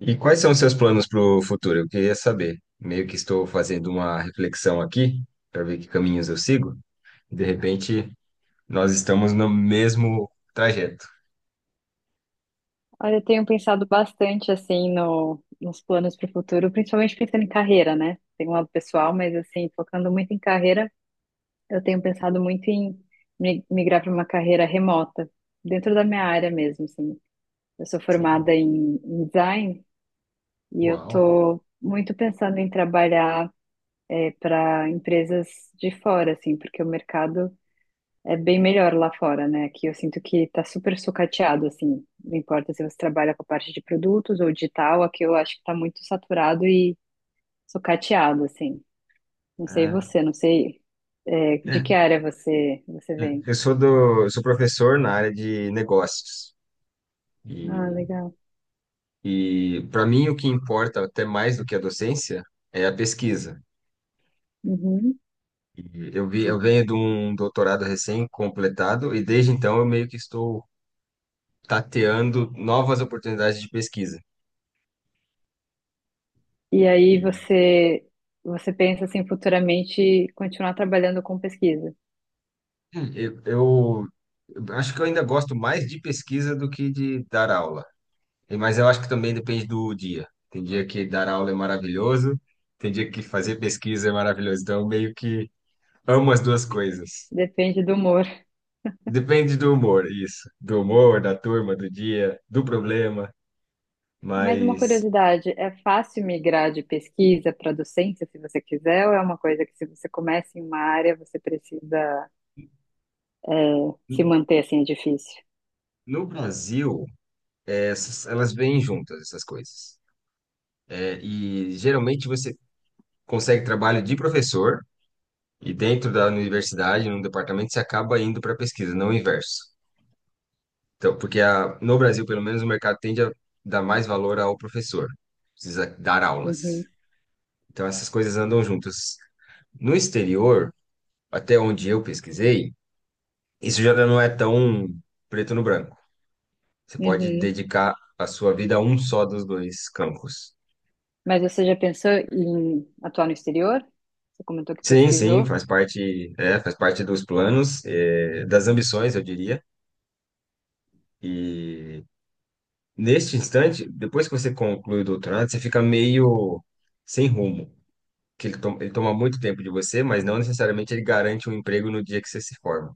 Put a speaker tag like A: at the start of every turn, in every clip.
A: E quais são os seus planos para o futuro? Eu queria saber. Meio que estou fazendo uma reflexão aqui para ver que caminhos eu sigo. De repente, nós estamos no mesmo trajeto.
B: Olha, eu tenho pensado bastante assim no, nos planos para o futuro, principalmente pensando em carreira, né? Tem um lado pessoal, mas assim, focando muito em carreira, eu tenho pensado muito em migrar para uma carreira remota, dentro da minha área mesmo, assim. Eu sou
A: Sim.
B: formada em design e eu
A: Uau.
B: tô muito pensando em trabalhar para empresas de fora, assim, porque o mercado é bem melhor lá fora, né? Aqui eu sinto que tá super sucateado, assim. Não importa se você trabalha com a parte de produtos ou digital, aqui eu acho que tá muito saturado e sucateado, assim. Não sei
A: É,
B: você, não sei é, de
A: é,
B: que área você
A: é.
B: vem.
A: Eu sou professor na área de negócios. E,
B: Ah, legal.
A: e para mim o que importa até mais do que a docência é a pesquisa.
B: Uhum.
A: E eu venho de um doutorado recém-completado e desde então eu meio que estou tateando novas oportunidades de pesquisa.
B: E aí
A: E
B: você pensa assim futuramente continuar trabalhando com pesquisa.
A: eu acho que eu ainda gosto mais de pesquisa do que de dar aula. Mas eu acho que também depende do dia. Tem dia que dar aula é maravilhoso, tem dia que fazer pesquisa é maravilhoso. Então, eu meio que amo as duas coisas.
B: Depende do humor.
A: Depende do humor, isso. Do humor, da turma, do dia, do problema.
B: Mas uma
A: Mas
B: curiosidade, é fácil migrar de pesquisa para docência, se você quiser, ou é uma coisa que, se você começa em uma área, você precisa se
A: n-
B: manter assim, é difícil?
A: no Brasil, elas vêm juntas, essas coisas. É, e geralmente você consegue trabalho de professor e dentro da universidade, num departamento, você acaba indo para pesquisa, não o inverso. Então, porque no Brasil, pelo menos, o mercado tende a dar mais valor ao professor, precisa dar aulas.
B: Uhum,
A: Então, essas coisas andam juntas. No exterior, até onde eu pesquisei, isso já não é tão preto no branco. Você pode
B: uhum.
A: dedicar a sua vida a um só dos dois campos.
B: Mas você já pensou em atuar no exterior? Você comentou que
A: Sim, sim,
B: pesquisou?
A: faz parte, faz parte dos planos, das ambições, eu diria. E neste instante, depois que você conclui o doutorado, você fica meio sem rumo, que ele toma muito tempo de você, mas não necessariamente ele garante um emprego no dia que você se forma.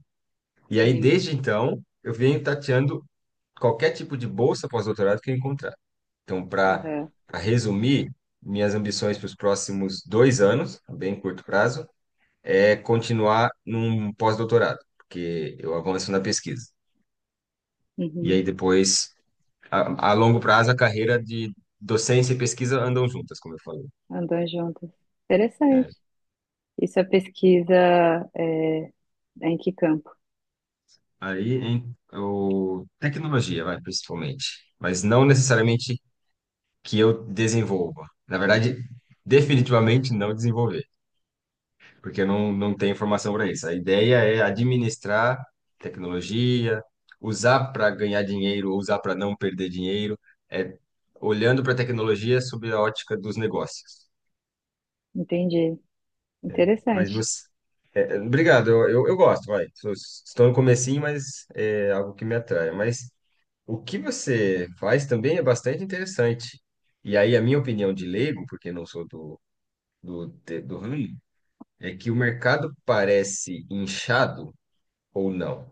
A: E aí,
B: Sim.
A: desde então, eu venho tateando qualquer tipo de bolsa pós-doutorado que eu encontrar. Então, para
B: Aham,
A: resumir, minhas ambições para os próximos 2 anos, bem curto prazo, é continuar num pós-doutorado, porque eu avanço na pesquisa. E aí
B: uhum.
A: depois, a longo prazo, a carreira de docência e pesquisa andam juntas, como eu falei.
B: Andam juntos. Interessante. Isso é pesquisa, é, é em que campo?
A: Aí, tecnologia, vai, principalmente. Mas não necessariamente que eu desenvolva. Na verdade, definitivamente não desenvolver, porque eu não tenho formação para isso. A ideia é administrar tecnologia, usar para ganhar dinheiro, ou usar para não perder dinheiro, é olhando para a tecnologia sob a ótica dos negócios.
B: Entendi.
A: Mas
B: Interessante.
A: você, É, obrigado, eu gosto, vai. Estou no comecinho, mas é algo que me atrai. Mas o que você faz também é bastante interessante. E aí, a minha opinião de leigo, porque não sou do ramo, é que o mercado parece inchado ou não.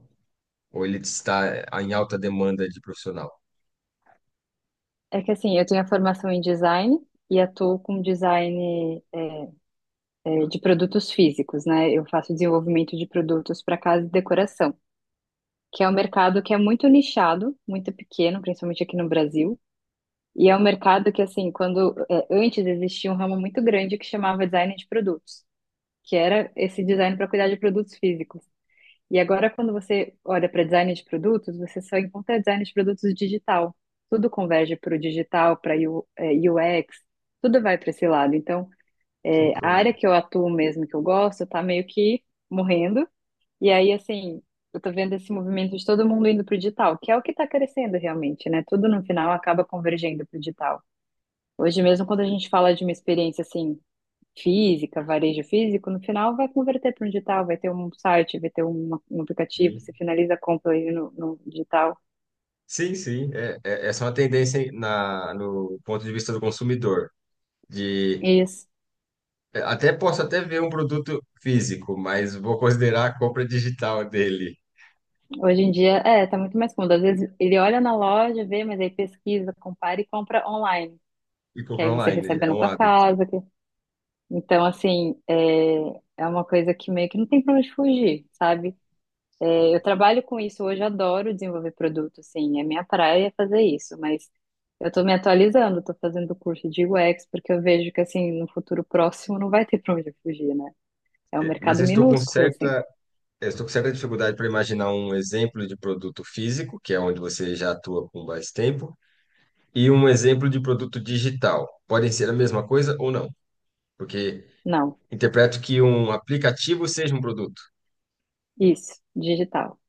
A: Ou ele está em alta demanda de profissional.
B: É que assim, eu tenho a formação em design e atuo com design, é, de produtos físicos, né? Eu faço desenvolvimento de produtos para casa e decoração, que é um mercado que é muito nichado, muito pequeno, principalmente aqui no Brasil. E é um mercado que, assim, quando é, antes existia um ramo muito grande que chamava design de produtos, que era esse design para cuidar de produtos físicos. E agora, quando você olha para design de produtos, você só encontra design de produtos digital. Tudo converge para o digital, para UX, tudo vai para esse lado. Então,
A: Que
B: é, a
A: coisa.
B: área que eu atuo mesmo, que eu gosto, tá meio que morrendo. E aí, assim, eu tô vendo esse movimento de todo mundo indo pro digital, que é o que tá crescendo realmente, né? Tudo no final acaba convergendo pro digital. Hoje mesmo, quando a gente fala de uma experiência, assim, física, varejo físico, no final vai converter para um digital, vai ter um site, vai ter um aplicativo,
A: Sim,
B: você finaliza a compra aí no digital.
A: sim, sim, essa é uma tendência no ponto de vista do consumidor, de
B: Isso.
A: até posso até ver um produto físico, mas vou considerar a compra digital dele
B: Hoje em dia, é, tá muito mais cômodo. Às vezes ele olha na loja, vê, mas aí pesquisa, compara e compra online.
A: e
B: Que aí
A: comprar
B: você
A: online,
B: recebe
A: é
B: na
A: um
B: tua
A: hábito.
B: casa. Então, assim, é, é uma coisa que meio que não tem pra onde fugir, sabe? É, eu trabalho com isso hoje, eu adoro desenvolver produto, assim, é, minha praia é fazer isso, mas eu tô me atualizando, tô fazendo curso de UX, porque eu vejo que, assim, no futuro próximo não vai ter pra onde fugir, né? É um
A: É, mas
B: mercado minúsculo, assim.
A: eu estou com certa dificuldade para imaginar um exemplo de produto físico, que é onde você já atua com mais tempo, e um exemplo de produto digital. Podem ser a mesma coisa ou não, porque
B: Não,
A: interpreto que um aplicativo seja
B: isso, digital.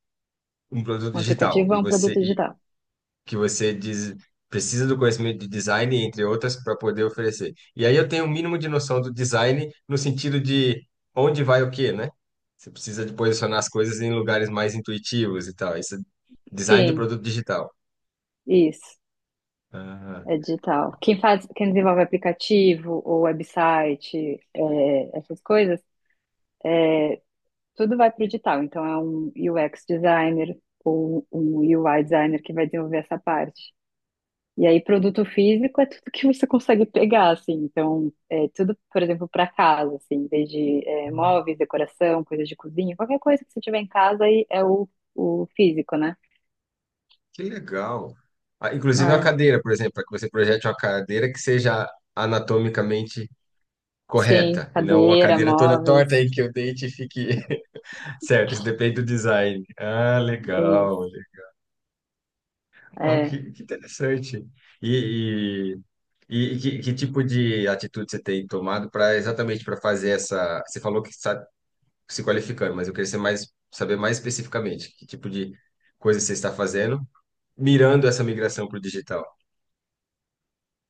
A: um produto
B: Um
A: digital,
B: aplicativo
A: e
B: é um produto
A: você
B: digital.
A: que você diz- precisa do conhecimento de design, entre outras, para poder oferecer. E aí eu tenho o mínimo de noção do design no sentido de onde vai o quê, né? Você precisa de posicionar as coisas em lugares mais intuitivos e tal. Isso é design de
B: Sim,
A: produto digital.
B: isso.
A: Ah,
B: É digital. Quem faz, quem desenvolve aplicativo ou website, é, essas coisas, tudo vai para o digital. Então é um UX designer ou um UI designer que vai desenvolver essa parte. E aí, produto físico é tudo que você consegue pegar, assim. Então, é tudo, por exemplo, para casa, assim, desde é, móveis, decoração, coisas de cozinha, qualquer coisa que você tiver em casa aí é o físico, né?
A: que legal. Ah, inclusive uma
B: Ah,
A: cadeira, por exemplo, para que você projete uma cadeira que seja anatomicamente
B: sim,
A: correta e não uma
B: cadeira,
A: cadeira toda torta
B: móveis,
A: aí que o dente fique certo. Isso depende do design. Ah,
B: é
A: legal.
B: isso.
A: Ó
B: É.
A: que interessante. E, e que tipo de atitude você tem tomado para exatamente para fazer essa? Você falou que está se qualificando, mas eu queria ser mais, saber mais especificamente que tipo de coisa você está fazendo, mirando essa migração para o digital.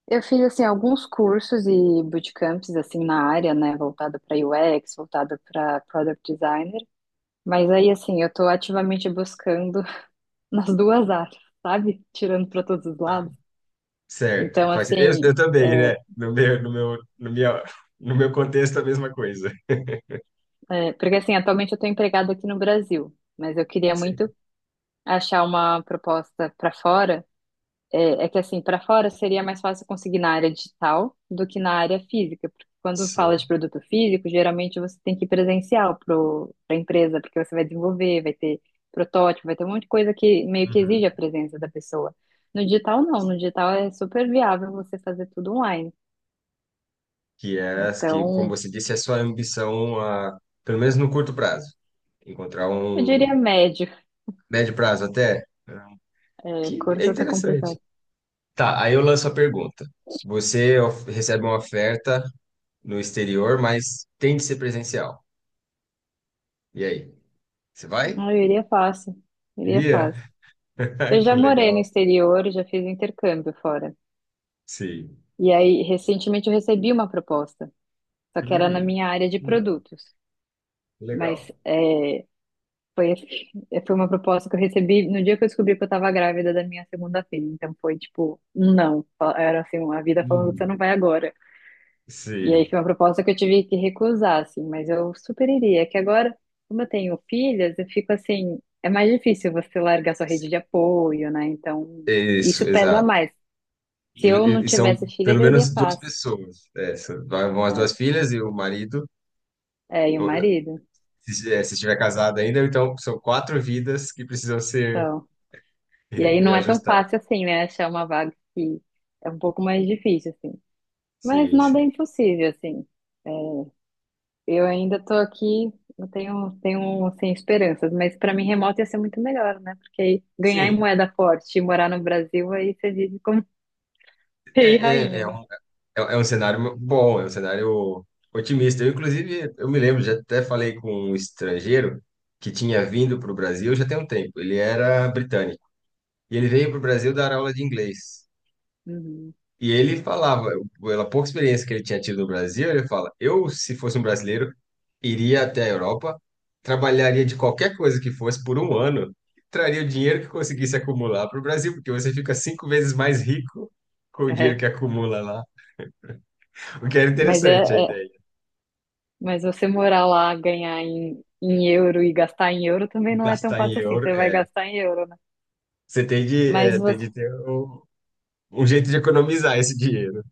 B: Eu fiz assim alguns cursos e bootcamps assim na área, né, voltada para UX, voltada para product designer, mas aí assim, eu tô ativamente buscando nas duas áreas, sabe? Tirando para todos os
A: Tá.
B: lados.
A: Certo.
B: Então,
A: Faz, eu,
B: assim,
A: eu também, né? No meu contexto, a mesma coisa.
B: porque assim, atualmente eu tô empregada aqui no Brasil, mas eu queria
A: Sim.
B: muito achar uma proposta para fora. É, é que assim, para fora seria mais fácil conseguir na área digital do que na área física, porque quando fala de
A: Sim.
B: produto físico, geralmente você tem que ir presencial para a empresa, porque você vai desenvolver, vai ter protótipo, vai ter um monte de coisa que meio que exige
A: Uhum.
B: a presença da pessoa. No digital, não. No digital é super viável você fazer tudo online.
A: Que é, as que, como
B: Então,
A: você disse, é sua ambição, a, pelo menos no curto prazo, encontrar
B: eu
A: um.
B: diria médio.
A: Médio prazo até?
B: É,
A: Que é
B: curso tá
A: interessante.
B: complicado.
A: Tá, aí eu lanço a pergunta. Você recebe uma oferta no exterior, mas tem de ser presencial. E aí? Você vai?
B: Ah, eu iria fácil. Iria
A: Iria?
B: fácil. Eu já
A: Que
B: morei no
A: legal.
B: exterior, já fiz intercâmbio fora.
A: Sim.
B: E aí, recentemente, eu recebi uma proposta. Só que era na
A: Hum,
B: minha área de
A: legal,
B: produtos. Mas
A: legal.
B: é, foi, assim, foi uma proposta que eu recebi no dia que eu descobri que eu estava grávida da minha segunda filha. Então foi tipo, um não. Era assim, uma vida falando, você
A: Hum,
B: não vai agora. E aí
A: sim.
B: foi uma proposta que eu tive que recusar, assim, mas eu super iria. É. Que agora, como eu tenho filhas, eu fico assim, é mais difícil você largar sua rede de apoio, né? Então,
A: Isso,
B: isso pesa
A: exato.
B: mais. Se
A: E,
B: eu não
A: e- e são
B: tivesse filhas,
A: pelo
B: eu iria
A: menos duas
B: fácil.
A: pessoas. É, vão as duas filhas e o marido.
B: É, é, e o
A: Ou,
B: marido.
A: se estiver casado ainda, então são quatro vidas que precisam ser
B: Então, e aí não é tão
A: reajustadas.
B: fácil assim, né? Achar uma vaga que é um pouco mais difícil, assim. Mas
A: Sim,
B: nada é
A: sim.
B: impossível, assim. É, eu ainda tô aqui, eu tenho assim, esperanças, mas para mim remoto ia ser muito melhor, né? Porque aí ganhar em
A: Sim,
B: moeda forte e morar no Brasil, aí você vive como
A: é,
B: rei e
A: é,
B: rainha,
A: é,
B: né?
A: um, é um cenário bom, é um cenário otimista. Eu, inclusive, eu me lembro, já até falei com um estrangeiro que tinha vindo para o Brasil já tem um tempo. Ele era britânico. E ele veio para o Brasil dar aula de inglês.
B: Uhum.
A: E ele falava, pela pouca experiência que ele tinha tido no Brasil, ele fala: eu, se fosse um brasileiro, iria até a Europa, trabalharia de qualquer coisa que fosse por um ano, traria o dinheiro que conseguisse acumular para o Brasil, porque você fica 5 vezes mais rico com o dinheiro
B: É.
A: que acumula lá. O que era
B: Mas é,
A: interessante a
B: é,
A: ideia.
B: mas você morar lá, ganhar em euro e gastar em euro também não é tão
A: Gastar em
B: fácil assim.
A: euro,
B: Você vai
A: é,
B: gastar em euro, né?
A: você tem de,
B: Mas
A: é, tem
B: você,
A: de ter um jeito de economizar esse dinheiro.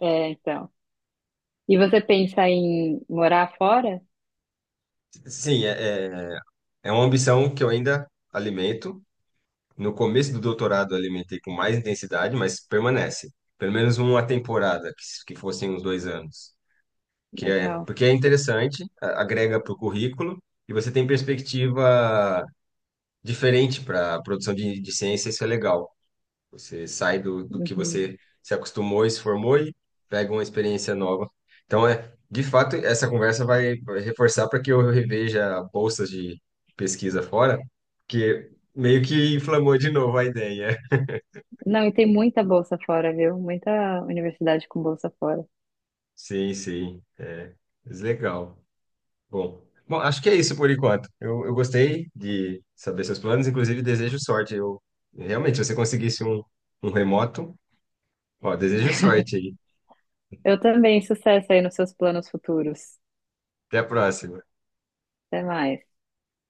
B: é, então. E você pensa em morar fora?
A: Sim, é uma ambição que eu ainda alimento. No começo do doutorado eu alimentei com mais intensidade, mas permanece. Pelo menos uma temporada, que fossem uns 2 anos. Que é,
B: Legal.
A: porque é interessante, agrega para o currículo e você tem perspectiva diferente para a produção de ciência, isso é legal. Você sai do, do que
B: Uhum.
A: você se acostumou e se formou e pega uma experiência nova. Então, de fato, essa conversa vai reforçar para que eu reveja bolsas de pesquisa fora, porque meio que inflamou de novo a ideia.
B: Não, e tem muita bolsa fora, viu? Muita universidade com bolsa fora.
A: Sim, sim. É, mas legal. Bom, bom, acho que é isso por enquanto. Eu gostei de saber seus planos, inclusive desejo sorte. Eu realmente, se você conseguisse um remoto, ó, desejo sorte aí.
B: Eu também, sucesso aí nos seus planos futuros.
A: Até a próxima.
B: Até mais.